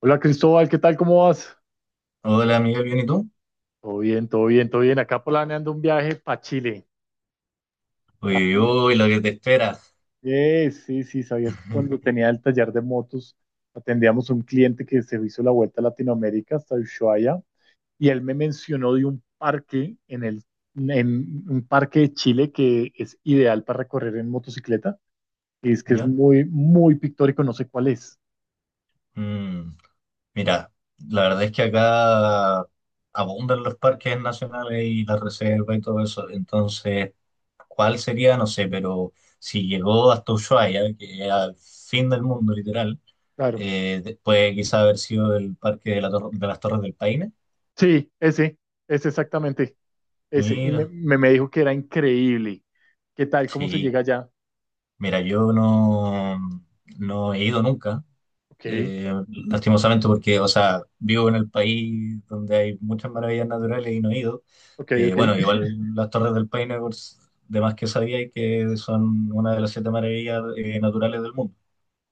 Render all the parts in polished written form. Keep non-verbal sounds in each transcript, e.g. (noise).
Hola Cristóbal, ¿qué tal? ¿Cómo vas? Hola, amiga, ¿bien y tú? Todo bien, todo bien, todo bien. Acá planeando un viaje para Chile. Uy, uy, Sabía- uy, lo que te espera. Sí, sí, sabías que cuando (laughs) tenía el taller de motos atendíamos a un cliente que se hizo la vuelta a Latinoamérica hasta Ushuaia y él me mencionó de un parque en un parque de Chile que es ideal para recorrer en motocicleta y es que es ¿Ya? muy, muy pictórico, no sé cuál es. Mm, mira, la verdad es que acá abundan los parques nacionales y la reserva y todo eso. Entonces, ¿cuál sería? No sé, pero si llegó hasta Ushuaia, que es al fin del mundo, literal, Claro. Puede quizá haber sido el parque de las Torres del Paine. Sí, ese exactamente. Ese, y me, Mira, me, me dijo que era increíble. ¿Qué tal? ¿Cómo se sí. llega allá? Mira, yo no, no he ido nunca. Ok, eh, Lastimosamente porque, o sea, vivo en el país donde hay muchas maravillas naturales y no he ido. ok, ok, Bueno, igual las Torres del Paine, de más que sabía, y que son una de las siete maravillas naturales del mundo.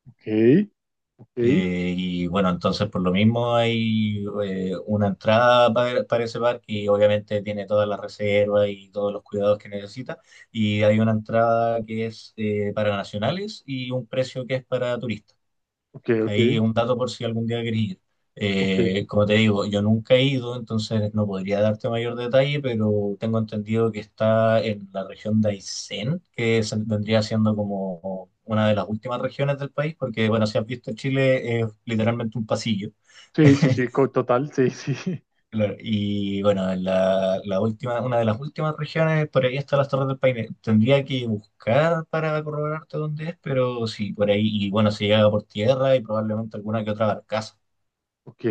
ok, ok, Y bueno, entonces por lo mismo hay una entrada para ese parque y obviamente tiene todas las reservas y todos los cuidados que necesita. Y hay una entrada que es para nacionales y un precio que es para turistas. ok, ok, Ahí es un dato por si algún día querés ir. ok. Como te digo, yo nunca he ido, entonces no podría darte mayor detalle, pero tengo entendido que está en la región de Aysén, que vendría siendo como una de las últimas regiones del país, porque bueno, si has visto Chile es literalmente un pasillo. Sí, sí, (laughs) sí, co- total, sí, sí. (laughs) Claro, y bueno, la última, una de las últimas regiones, por ahí está las Torres del Paine. Tendría que buscar para corroborarte dónde es, pero sí, por ahí, y bueno, se llega por tierra y probablemente alguna que otra barcaza. Ok,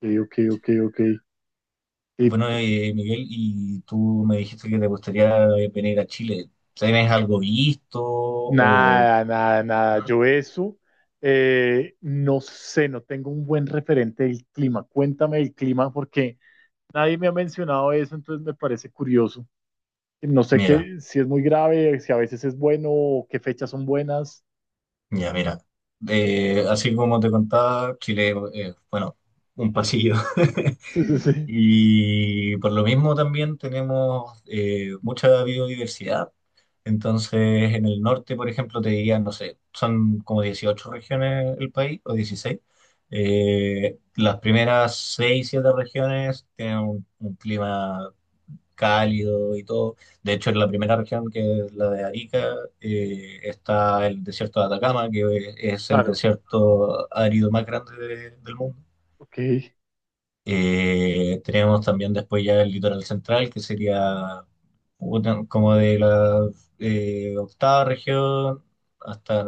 ok, ok, ok, ok. Y Bueno, Miguel, y tú me dijiste que te gustaría venir a Chile. ¿Tienes algo visto? O... nada, nada, nada. Yo eso, no sé, no tengo un buen referente del clima. Cuéntame del clima porque nadie me ha mencionado eso, entonces me parece curioso. No sé Mira, qué, si es muy grave, si a veces es bueno, o qué fechas son buenas. (laughs) ya, mira. Así como te contaba, Chile, bueno, un pasillo. Sí, sí, (laughs) sí. Y por lo mismo también tenemos mucha biodiversidad. Entonces, en el norte, por ejemplo, te dirían, no sé, son como 18 regiones el país, o 16. Las primeras 6 7 regiones tienen un clima cálido y todo. De hecho, en la primera región, que es la de Arica, está el desierto de Atacama, que es el Claro, desierto árido más grande del mundo. ok, Tenemos también después ya el litoral central, que sería como de la octava región hasta...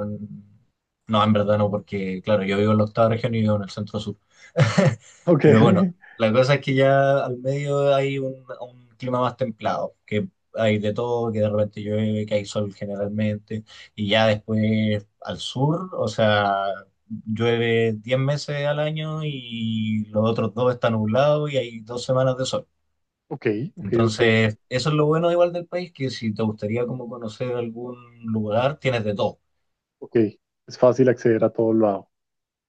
No, en verdad no, porque claro, yo vivo en la octava región y vivo en el centro sur. (laughs) ok, Pero bueno, la cosa es que ya al medio hay un clima más templado, que hay de todo, que de repente llueve, que hay sol generalmente, y ya después al sur, o sea llueve 10 meses al año y los otros dos están nublados y hay 2 semanas de sol. ok, ok, ok, ok, Entonces, eso es lo bueno igual del país, que si te gustaría como conocer algún lugar, tienes de todo. ok. Es fácil acceder a todo lo lado.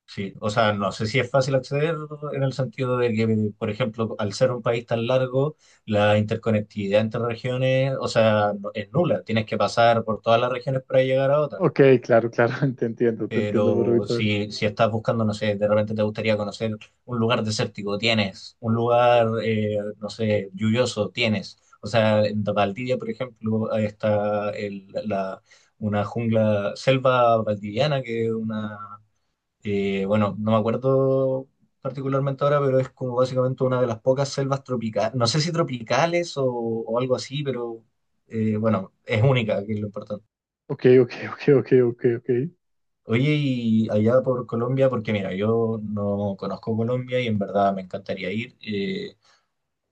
Sí, o sea, no sé si es fácil acceder en el sentido de que, por ejemplo, al ser un país tan largo, la interconectividad entre regiones, o sea, es nula. Tienes que pasar por todas las regiones para llegar a otra. Ok, claro, claro, (laughs) te entiendo Pero perfectamente. si, si estás buscando, no sé, de repente te gustaría conocer un lugar desértico, tienes, un lugar, no sé, lluvioso, tienes. O sea, en Valdivia, por ejemplo, ahí está la una jungla, selva valdiviana, que es una, bueno, no me acuerdo particularmente ahora, pero es como básicamente una de las pocas selvas tropicales, no sé si tropicales o algo así, pero bueno, es única, que es lo importante. Ok, ok, ok, ok, ok, ok. Oye, y allá por Colombia, porque mira, yo no conozco Colombia y en verdad me encantaría ir.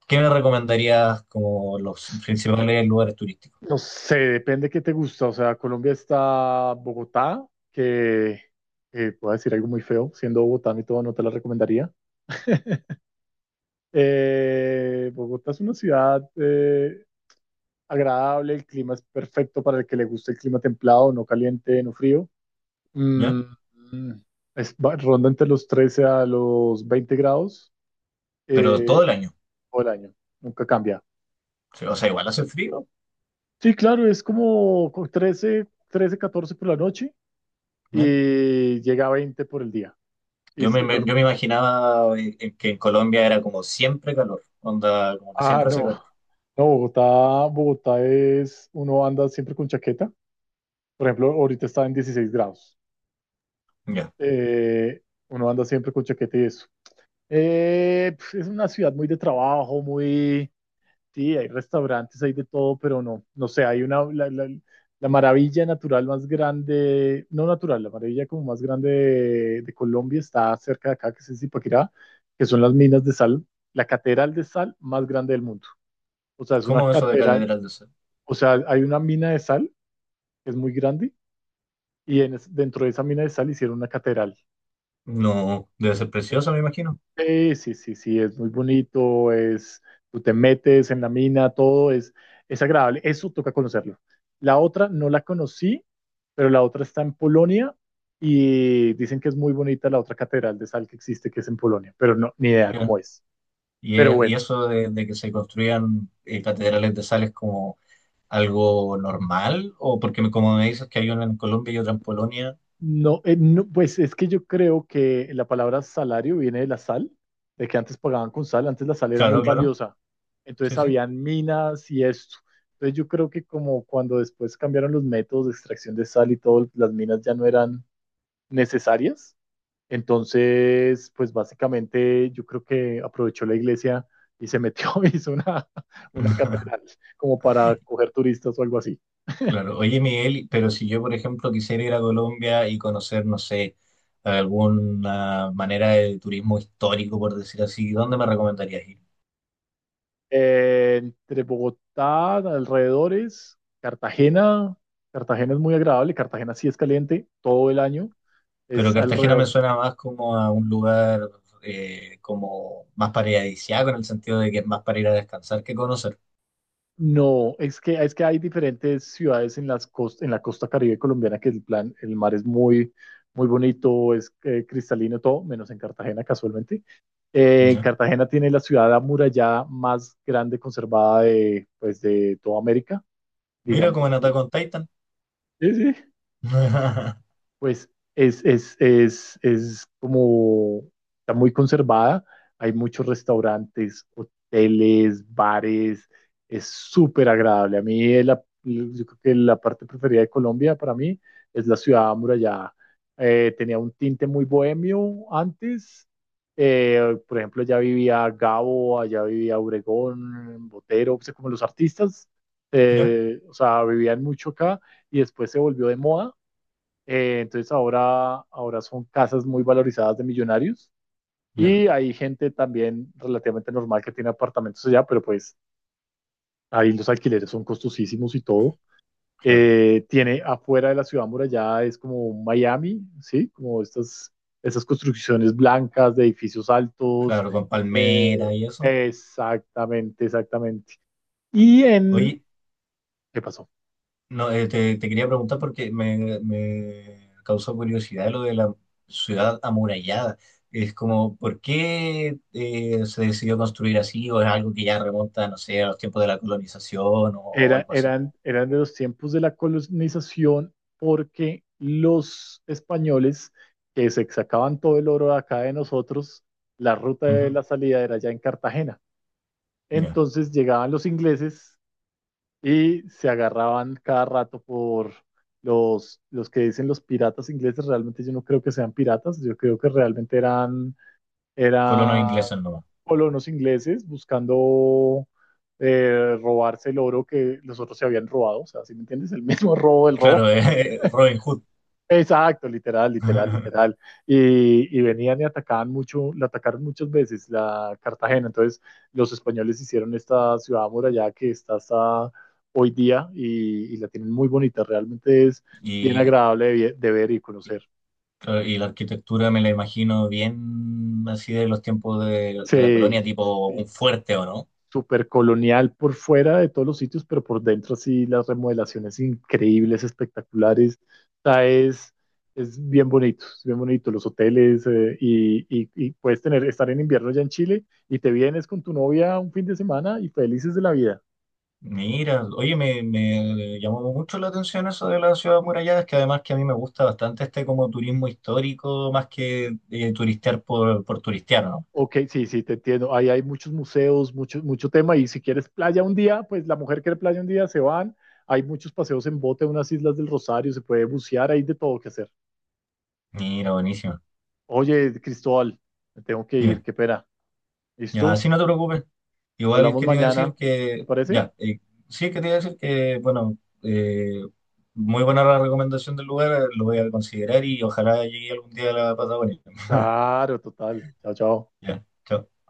¿Qué me recomendarías como los principales lugares turísticos? No sé, depende qué te gusta. O sea, Colombia está Bogotá, que puedo decir algo muy feo, siendo Bogotá y todo, no te la recomendaría. Bogotá es una ciudad agradable, el clima es perfecto para el que le guste el clima templado, no caliente, no frío. Mm, ¿Ya? mm, es, va- ronda entre los 13 a los 20 grados Pero todo eh, el año. todo el año. Nunca cambia. O sea, igual hace frío, Sí, claro, es como con trece, 14 por la noche ¿ya? y llega a 20 por el día. Y sí, Yo me imaginaba que en Colombia era como siempre calor, onda, como que ah, siempre hace no. calor. (laughs) No, Bogotá, Bogotá es, uno anda siempre con chaqueta. Por ejemplo, ahorita está en 16 grados. ¿Ya? Eh, uno anda siempre con chaqueta y eso. Pf, es una ciudad muy de trabajo, muy. Sí, hay restaurantes, hay de todo, pero no, no sé, hay la maravilla natural más grande, no natural, la maravilla como más grande de Colombia está cerca de acá, que es Zipaquirá, que son las minas de sal, la catedral de sal más grande del mundo. O sea, es una ¿Cómo eso de catedral, Catedral de Sal? o sea, hay una mina de sal que es muy grande y dentro de esa mina de sal hicieron una catedral. No, debe ser precioso, me imagino. Sí, sí, sí, sí, es muy bonito, es, tú te metes en la mina, todo es agradable, eso toca conocerlo. La otra no la conocí, pero la otra está en Polonia y dicen que es muy bonita la otra catedral de sal que existe, que es en Polonia, pero no, ni idea cómo ¿Ya? es. Y, Pero y bueno, eso de que se construyan catedrales de sal es como algo normal, o porque como me dices que hay una en Colombia y otra en Polonia, no, no, pues es que yo creo que la palabra salario viene de la sal, de que antes pagaban con sal, antes la sal era muy claro, claro, valiosa, entonces sí, sí. habían minas y esto. Entonces yo creo que como cuando después cambiaron los métodos de extracción de sal y todo, las minas ya no eran necesarias, entonces pues básicamente yo creo que aprovechó la iglesia y se metió, (laughs) y hizo una catedral (laughs) como para coger turistas o algo así. Claro, oye Miguel, pero si yo, por ejemplo, quisiera ir a Colombia y conocer, no sé, alguna manera de turismo histórico, por decir así, ¿dónde me recomendarías ir? Entre Bogotá, alrededores, Cartagena. Cartagena es muy agradable. Cartagena sí es caliente todo el año. Pero Es Cartagena me alrededor. suena más como a un lugar como más paradisíaco, en el sentido de que es más para ir a descansar que conocer. No, es que hay diferentes ciudades en las en la costa Caribe colombiana que el plan, el mar es muy, muy bonito, es cristalino todo, menos en Cartagena casualmente. Ya. Cartagena tiene la ciudad amurallada más grande conservada de, pues, de toda América, Mira digamos como en Attack así. on Titan. Sí, sí. (laughs) Pues es como, está muy conservada, hay muchos restaurantes, hoteles, bares, es súper agradable. A mí es yo creo que la parte preferida de Colombia para mí es la ciudad amurallada. Tenía un tinte muy bohemio antes. Por ejemplo, allá vivía Gabo, allá vivía Obregón, Botero, o sea, como los artistas, Ya, o sea, vivían mucho acá y después se volvió de moda entonces ahora son casas muy valorizadas de millonarios ya, y hay gente también relativamente normal que tiene apartamentos allá, pero pues ahí los alquileres son costosísimos y todo. claro. Tiene afuera de la ciudad muralla es como un Miami, ¿sí? Como estas construcciones blancas de edificios altos. Claro, con palmera eh, y eso. exactamente, exactamente. Y en... Oye, ¿Qué pasó? no, te quería preguntar porque me causó curiosidad lo de la ciudad amurallada. Es como, ¿por qué se decidió construir así? ¿O es algo que ya remonta, no sé, a los tiempos de la colonización o Era, algo así? Eran de los tiempos de la colonización porque los españoles que se sacaban todo el oro de acá de nosotros, la ruta de Ujú, la salida era ya en Cartagena. ya, Entonces llegaban los ingleses y se agarraban cada rato por los que dicen los piratas ingleses. Realmente yo no creo que sean piratas, yo creo que realmente eran colonos eran ingleses nomás. colonos ingleses buscando robarse el oro que los otros se habían robado. O sea, ¿si me entiendes? El (laughs) mismo robo del Claro, robo. (laughs) Robin Hood. Exacto, literal, literal, (laughs) literal. Y venían y atacaban mucho, la atacaron muchas veces la Cartagena. Entonces, los españoles hicieron esta ciudad amurallada que está hasta hoy día y la tienen muy bonita. Realmente es bien Y, agradable de, vi- de ver y y conocer. claro, y la arquitectura me la imagino bien así de los tiempos de la colonia, Sí, tipo un sí. fuerte, ¿o no? Súper colonial por fuera de todos los sitios, pero por dentro sí las remodelaciones increíbles, espectaculares. O sea, es bien bonito los hoteles y puedes tener, estar en invierno ya en Chile y te vienes con tu novia un fin de semana y felices de la vida. Mira, oye, me llamó mucho la atención eso de la ciudad amurallada, es que además que a mí me gusta bastante este como turismo histórico, más que turistear por turistear, ¿no? Ok, sí, sí, te entiendo. Ahí hay muchos museos, mucho, mucho tema y si quieres playa un día, pues la mujer quiere playa un día, se van. Hay muchos paseos en bote, unas islas del Rosario, se puede bucear, hay de todo que hacer. Mira, buenísimo. Oye, Cristóbal, me tengo que ir, Dime, qué pena. ya, Listo, así no te preocupes. Igual hablamos quería decir mañana. ¿Te que, parece? ya, sí quería decir que, bueno, eh, muy buena la recomendación del lugar, lo voy a considerar y ojalá llegue algún día a la Patagonia. Claro, total. Chao, chao. Ya, chao.